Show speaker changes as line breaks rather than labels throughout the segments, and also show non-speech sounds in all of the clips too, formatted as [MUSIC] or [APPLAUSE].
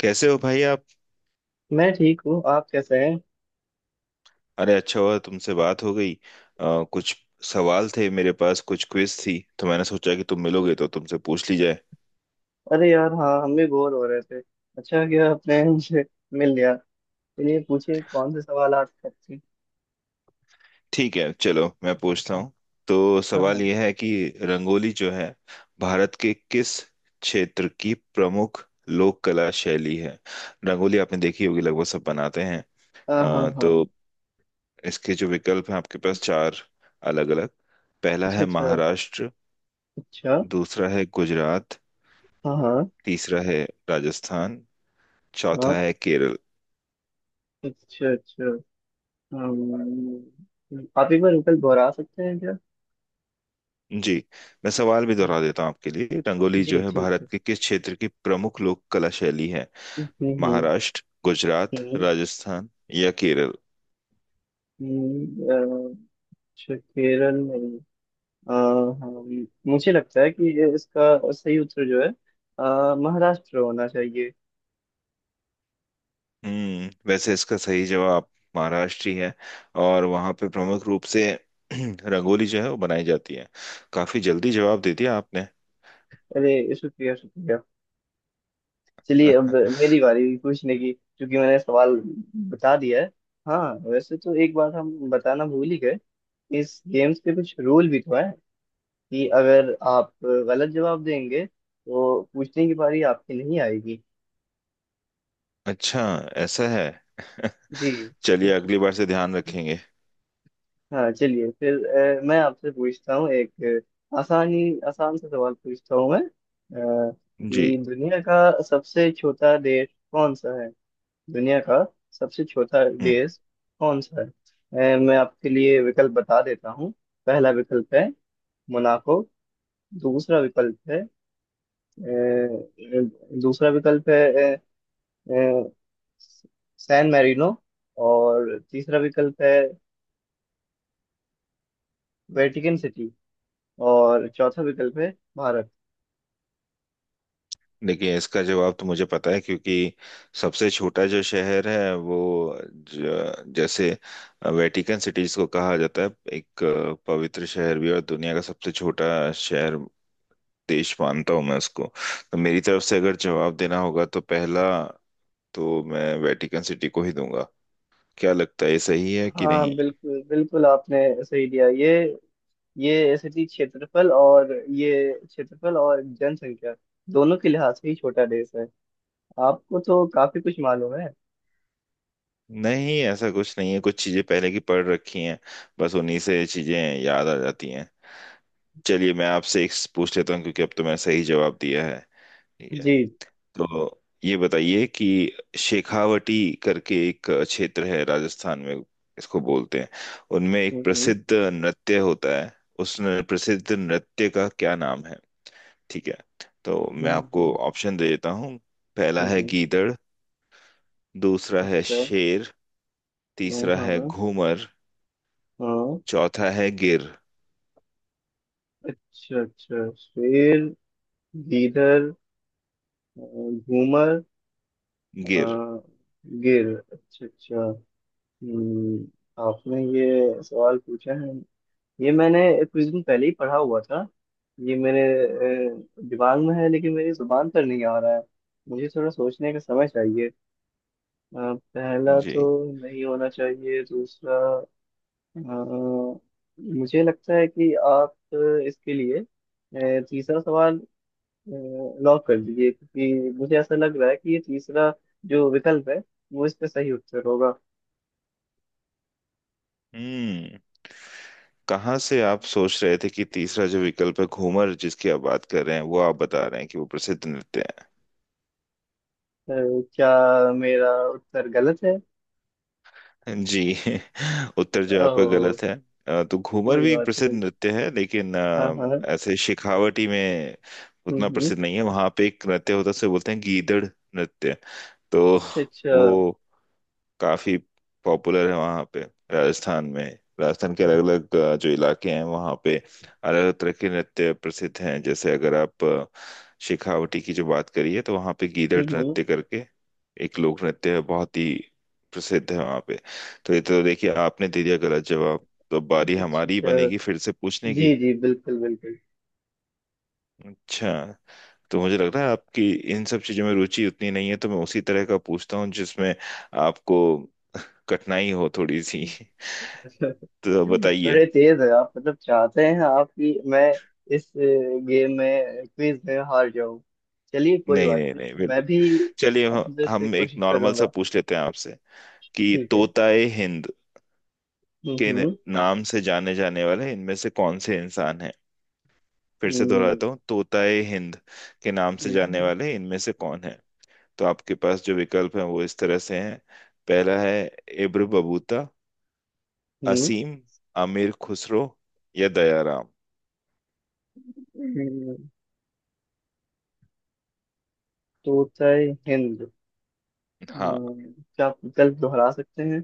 कैसे हो भाई आप।
मैं ठीक हूँ। आप कैसे हैं?
अरे अच्छा हुआ तुमसे बात हो गई। कुछ सवाल थे मेरे पास, कुछ क्विज थी, तो मैंने सोचा कि तुम मिलोगे तो तुमसे पूछ ली जाए।
अरे यार, हाँ, हम भी बोर हो रहे थे। अच्छा, क्या आपने मुझे मिल लिया। चलिए, पूछिए कौन से सवाल आप करते हैं।
ठीक है, चलो मैं पूछता हूँ। तो
हाँ
सवाल
हाँ
यह है कि रंगोली जो है भारत के किस क्षेत्र की प्रमुख लोक कला शैली है। रंगोली आपने देखी होगी, लगभग सब बनाते हैं।
हाँ, हाँ हाँ।
तो इसके जो विकल्प हैं आपके पास चार अलग अलग। पहला
अच्छा
है
अच्छा।
महाराष्ट्र,
अच्छा,
दूसरा है गुजरात,
हाँ हाँ
तीसरा है राजस्थान,
हाँ।
चौथा है केरल।
अच्छा अच्छा। आप एक बार रुपये दोहरा सकते हैं क्या?
जी, मैं सवाल भी
हाँ,
दोहरा देता हूँ आपके लिए। रंगोली
जी
जो है
ठीक है।
भारत के किस क्षेत्र की प्रमुख लोक कला शैली है।
हम्म।
महाराष्ट्र, गुजरात,
हम्म,
राजस्थान या केरल।
हम्म। अ, अच्छा। केरल में हाँ, मुझे लगता है कि ये इसका सही उत्तर जो है, महाराष्ट्र होना चाहिए।
हम्म, वैसे इसका सही जवाब महाराष्ट्र ही है, और वहाँ पे प्रमुख रूप से [CLEARS THROAT] रंगोली जो है वो बनाई जाती है। काफी जल्दी जवाब दे दिया आपने।
अरे, शुक्रिया शुक्रिया। चलिए, अब
[LAUGHS]
मेरी बारी हुई पूछने की, क्योंकि मैंने सवाल बता दिया है। हाँ। वैसे तो एक बात हम बताना भूल ही गए, इस गेम्स के कुछ रूल भी तो है कि अगर आप गलत जवाब देंगे तो पूछने की बारी आपकी नहीं आएगी।
अच्छा, ऐसा है। [LAUGHS]
जी।
चलिए, अगली बार से ध्यान रखेंगे।
हाँ, चलिए फिर मैं आपसे पूछता हूँ एक आसान सा सवाल पूछता हूँ मैं,
जी।
कि दुनिया का सबसे छोटा देश कौन सा है। दुनिया का सबसे छोटा
हम्म।
देश कौन सा है? मैं आपके लिए विकल्प बता देता हूँ। पहला विकल्प है मोनाको। दूसरा विकल्प है ए, दूसरा विकल्प है ए, ए, सैन मैरिनो। और तीसरा विकल्प है वेटिकन सिटी। और चौथा विकल्प है भारत।
देखिए, इसका जवाब तो मुझे पता है, क्योंकि सबसे छोटा जो शहर है वो जैसे वेटिकन सिटीज को कहा जाता है। एक पवित्र शहर भी, और दुनिया का सबसे छोटा शहर, देश मानता हूँ मैं उसको। तो मेरी तरफ से अगर जवाब देना होगा तो पहला, तो मैं वेटिकन सिटी को ही दूंगा। क्या लगता है ये सही है कि
हाँ,
नहीं।
बिल्कुल बिल्कुल, आपने सही दिया। ये सिटी क्षेत्रफल और ये क्षेत्रफल और जनसंख्या दोनों के लिहाज से ही छोटा देश है। आपको तो काफी कुछ मालूम है।
नहीं, ऐसा कुछ नहीं है, कुछ चीजें पहले की पढ़ रखी हैं, बस उन्हीं से चीजें याद आ जाती हैं। चलिए, मैं आपसे एक पूछ लेता हूँ क्योंकि अब तो मैंने सही जवाब दिया है। ठीक है,
जी।
तो ये बताइए कि शेखावटी करके एक क्षेत्र है राजस्थान में, इसको बोलते हैं, उनमें एक
हम्म,
प्रसिद्ध नृत्य होता है। उस न- प्रसिद्ध नृत्य का क्या नाम है। ठीक है, तो मैं
हम्म
आपको
हम्म,
ऑप्शन दे देता हूँ। पहला है
हम्म।
गीदड़, दूसरा है
अच्छा,
शेर,
हाँ
तीसरा है
हाँ,
घूमर,
हाँ।
चौथा है गिर।
अच्छा अच्छा, शेर, गीदड़, अ, घूमर,
गिर।
अ, गिर, अच्छा अच्छा। हम्म, आपने ये सवाल पूछा है, ये मैंने कुछ दिन पहले ही पढ़ा हुआ था। ये मेरे दिमाग में है, लेकिन मेरी जुबान पर नहीं आ रहा है। मुझे थोड़ा सोचने का समय चाहिए। पहला तो
जी।
नहीं होना चाहिए, दूसरा अ, मुझे लगता है कि आप इसके लिए तीसरा सवाल लॉक कर दीजिए, क्योंकि मुझे ऐसा लग रहा है कि ये तीसरा जो विकल्प है वो इसका सही उत्तर होगा।
हम्म, कहाँ से आप सोच रहे थे कि तीसरा जो विकल्प है घूमर जिसकी आप बात कर रहे हैं, वो आप बता रहे हैं कि वो प्रसिद्ध नृत्य है।
अ, क्या मेरा उत्तर गलत है?
जी। [LAUGHS] उत्तर जो आपका
ओ,
गलत है। तो घूमर
कोई
भी एक
बात
प्रसिद्ध
नहीं।
नृत्य है, लेकिन
हाँ हाँ,
ऐसे शेखावटी में
हम्म
उतना
हम्म,
प्रसिद्ध नहीं है। वहां पे एक नृत्य होता है उसे बोलते हैं गीदड़ नृत्य। तो
अच्छा अच्छा।
वो काफी पॉपुलर है वहाँ पे, राजस्थान में। राजस्थान के अलग अलग जो इलाके हैं वहाँ पे अलग अलग तरह के नृत्य प्रसिद्ध हैं। जैसे अगर आप शेखावटी की जो बात करिए, तो वहाँ पे गीदड़
हम्म,
नृत्य करके एक लोक नृत्य है, बहुत ही प्रसिद्ध है वहाँ पे। तो ये तो देखिए, आपने दे दिया गलत जवाब, तो बारी
अच्छा
हमारी ही
अच्छा।
बनेगी फिर से पूछने
जी
की।
जी, बिल्कुल बिल्कुल।
अच्छा, तो मुझे लग रहा है आपकी इन सब चीजों में रुचि उतनी नहीं है, तो मैं उसी तरह का पूछता हूँ जिसमें आपको कठिनाई हो थोड़ी सी।
[LAUGHS]
तो बताइए।
बड़े तेज है आप। मतलब चाहते हैं आप कि मैं इस गेम में, क्विज में हार जाऊं। चलिए, कोई
नहीं
बात
नहीं नहीं,
नहीं, मैं
बिल्कुल।
भी
चलिए,
अंदर से
हम एक
कोशिश
नॉर्मल सा
करूंगा।
पूछ लेते हैं आपसे कि
ठीक है।
तोताए हिंद के
हम्म
नाम से जाने जाने वाले इनमें से कौन से इंसान हैं। फिर से
हम्म,
दोहराता हूँ, तोताए हिंद के नाम से जाने
हम्म
वाले इनमें से कौन है। तो आपके पास जो विकल्प हैं वो इस तरह से हैं। पहला है इब्र बबूता,
हम्म,
असीम, आमिर खुसरो या दयाराम।
हम्म, तोता हिंद।
हाँ।
अम, क्या आप विकल्प दोहरा सकते हैं?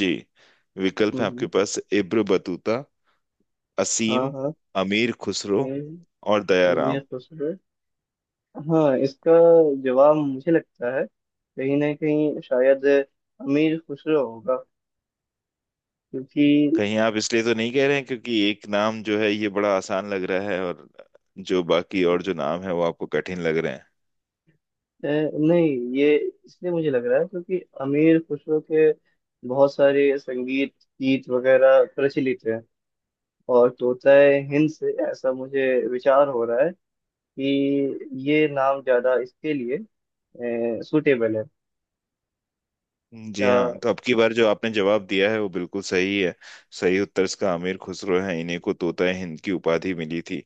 जी, विकल्प
हम्म
है आपके
हम्म,
पास इब्र बतूता,
हाँ
असीम,
हाँ,
अमीर खुसरो
हम्म,
और
हमें
दयाराम।
सोच रहे। हाँ, इसका जवाब मुझे लगता है कहीं ना कहीं शायद अमीर खुसरो होगा, क्योंकि
कहीं आप इसलिए तो नहीं कह रहे हैं क्योंकि एक नाम जो है ये बड़ा आसान लग रहा है, और जो बाकी और जो नाम है वो आपको कठिन लग रहे हैं।
नहीं, ये इसलिए मुझे लग रहा है क्योंकि अमीर खुसरो के बहुत सारे संगीत गीत वगैरह प्रचलित हैं। और तोताए हिंद से ऐसा मुझे विचार हो रहा है कि ये नाम ज्यादा इसके लिए सूटेबल है।
जी
क्या?
हाँ, तो अब की बार जो आपने जवाब दिया है वो बिल्कुल सही है। सही उत्तर इसका अमीर खुसरो है, इन्हें को तोता हिंद की उपाधि मिली थी।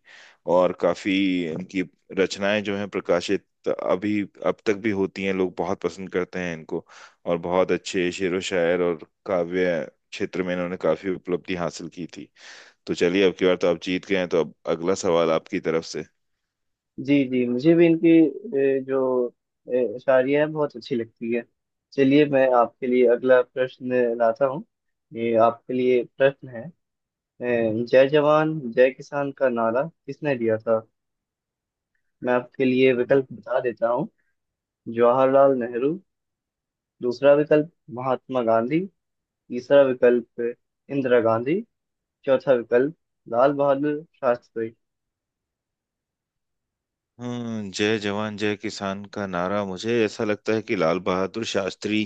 और काफी इनकी रचनाएं जो हैं प्रकाशित अभी अब तक भी होती हैं, लोग बहुत पसंद करते हैं इनको। और बहुत अच्छे शेरो शायर और काव्य क्षेत्र में इन्होंने काफी उपलब्धि हासिल की थी। तो चलिए, अब की बार तो आप जीत गए हैं, तो अब अगला सवाल आपकी तरफ से।
जी जी, मुझे भी इनकी जो शायरियाँ हैं बहुत अच्छी लगती है। चलिए, मैं आपके लिए अगला प्रश्न लाता हूँ। ये आपके लिए प्रश्न है। जय जवान जय किसान का नारा किसने दिया था? मैं आपके लिए विकल्प बता देता हूँ। जवाहरलाल नेहरू। दूसरा विकल्प, महात्मा गांधी। तीसरा विकल्प, इंदिरा गांधी। चौथा विकल्प, लाल बहादुर शास्त्री।
हम्म, जय जवान जय किसान का नारा मुझे ऐसा लगता है कि लाल बहादुर शास्त्री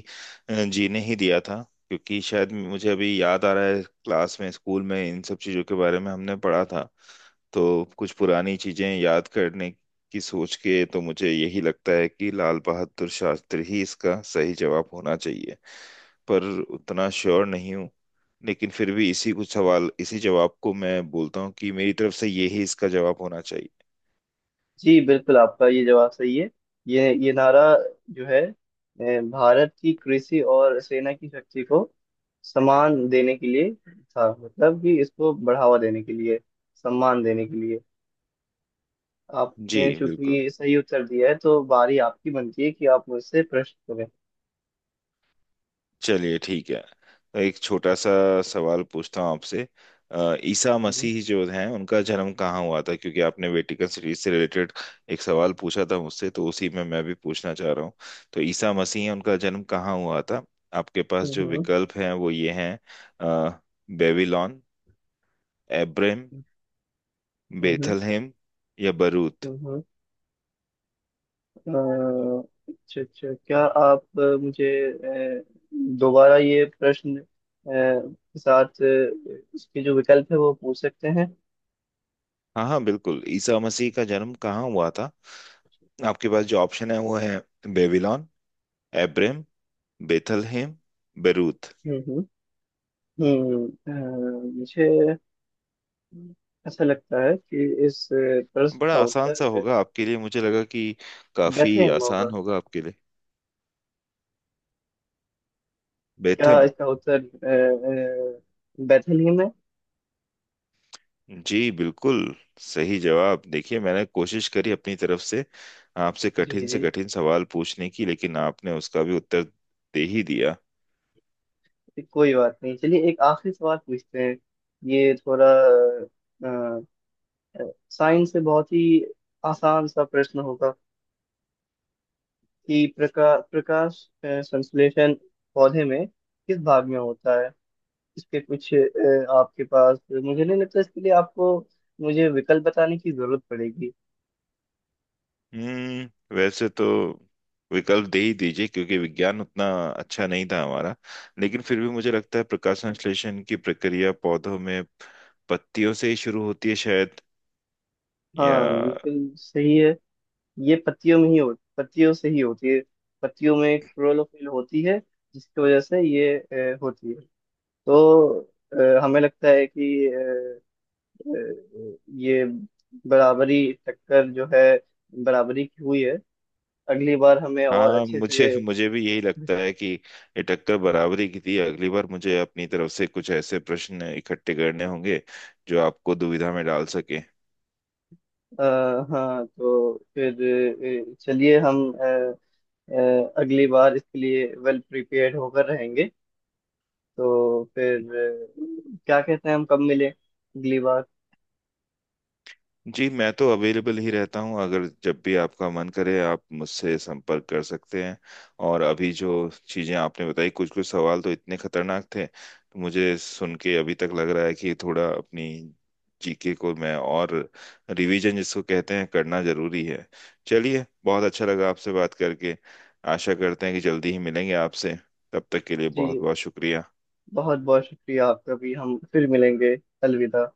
जी ने ही दिया था। क्योंकि शायद मुझे अभी याद आ रहा है, क्लास में, स्कूल में इन सब चीजों के बारे में हमने पढ़ा था। तो कुछ पुरानी चीजें याद करने की सोच के तो मुझे यही लगता है कि लाल बहादुर शास्त्री ही इसका सही जवाब होना चाहिए। पर उतना श्योर नहीं हूँ। लेकिन फिर भी इसी कुछ सवाल इसी जवाब को मैं बोलता हूँ कि मेरी तरफ से यही इसका जवाब होना चाहिए।
जी बिल्कुल, आपका ये जवाब सही है। ये नारा जो है भारत की कृषि और सेना की शक्ति को सम्मान देने के लिए था, मतलब कि इसको बढ़ावा देने के लिए, सम्मान देने के लिए।
जी
आपने
बिल्कुल।
चूंकि सही उत्तर दिया है, तो बारी आपकी बनती है कि आप मुझसे प्रश्न करें।
चलिए, ठीक है। तो एक छोटा सा सवाल पूछता हूँ आपसे। ईसा मसीह जो हैं उनका जन्म कहाँ हुआ था, क्योंकि आपने वेटिकन सिटीज से रिलेटेड एक सवाल पूछा था मुझसे, तो उसी में मैं भी पूछना चाह रहा हूँ। तो ईसा मसीह हैं, उनका जन्म कहाँ हुआ था। आपके पास जो
हम्म
विकल्प हैं वो ये हैं। अ, बेबीलोन, एब्रेम,
हम्म,
बेथलहेम या बरूत।
हम्म हम्म, अच्छा अच्छा, क्या आप मुझे अ, दोबारा ये प्रश्न के साथ इसके जो विकल्प है वो पूछ सकते हैं?
हाँ हाँ बिल्कुल, ईसा मसीह का जन्म कहाँ हुआ था। आपके पास जो ऑप्शन है वो है बेबीलोन, एब्रम, बेथलहेम, बेरूत।
हम्म हम्म, मुझे ऐसा लगता है कि इस प्रश्न
बड़ा
का
आसान सा
उत्तर
होगा आपके लिए, मुझे लगा कि काफी
बेथलेहम
आसान
होगा।
होगा आपके लिए।
क्या
बेथम।
इसका उत्तर बेथलेहम है?
जी बिल्कुल, सही जवाब। देखिए, मैंने कोशिश करी अपनी तरफ से आपसे
जी
कठिन से
जी,
कठिन सवाल पूछने की, लेकिन आपने उसका भी उत्तर दे ही दिया।
कोई बात नहीं। चलिए एक आखिरी सवाल पूछते हैं। ये थोड़ा साइंस से, बहुत ही आसान सा प्रश्न होगा कि प्रकाश संश्लेषण पौधे में किस भाग में होता है? इसके कुछ आपके पास, मुझे नहीं लगता इसके लिए आपको मुझे विकल्प बताने की जरूरत पड़ेगी।
हम्म, वैसे तो विकल्प दे ही दीजिए, क्योंकि विज्ञान उतना अच्छा नहीं था हमारा। लेकिन फिर भी मुझे लगता है प्रकाश संश्लेषण की प्रक्रिया पौधों में पत्तियों से ही शुरू होती है शायद, या।
हाँ, बिल्कुल सही है। ये पत्तियों में ही हो, पत्तियों से ही होती है। पत्तियों में क्लोरोफिल होती है, जिसकी वजह से ये होती है। तो हमें लगता है कि ये बराबरी, टक्कर जो है, बराबरी की हुई है। अगली बार हमें और
हाँ,
अच्छे
मुझे
से।
मुझे भी यही लगता है कि ये टक्कर बराबरी की थी। अगली बार मुझे अपनी तरफ से कुछ ऐसे प्रश्न इकट्ठे करने होंगे जो आपको दुविधा में डाल सके।
आ, हाँ, तो फिर चलिए हम अ, अगली बार इसके लिए वेल प्रिपेयर्ड होकर रहेंगे। तो फिर क्या कहते हैं हम कब मिले अगली बार?
जी, मैं तो अवेलेबल ही रहता हूँ, अगर जब भी आपका मन करे आप मुझसे संपर्क कर सकते हैं। और अभी जो चीज़ें आपने बताई, कुछ कुछ सवाल तो इतने खतरनाक थे तो मुझे सुन के अभी तक लग रहा है कि थोड़ा अपनी जीके को मैं और रिवीजन जिसको कहते हैं करना जरूरी है। चलिए, बहुत अच्छा लगा आपसे बात करके। आशा करते हैं कि जल्दी ही मिलेंगे आपसे। तब तक के लिए बहुत
जी।
बहुत शुक्रिया।
बहुत बहुत शुक्रिया, आपका भी। हम फिर मिलेंगे। अलविदा।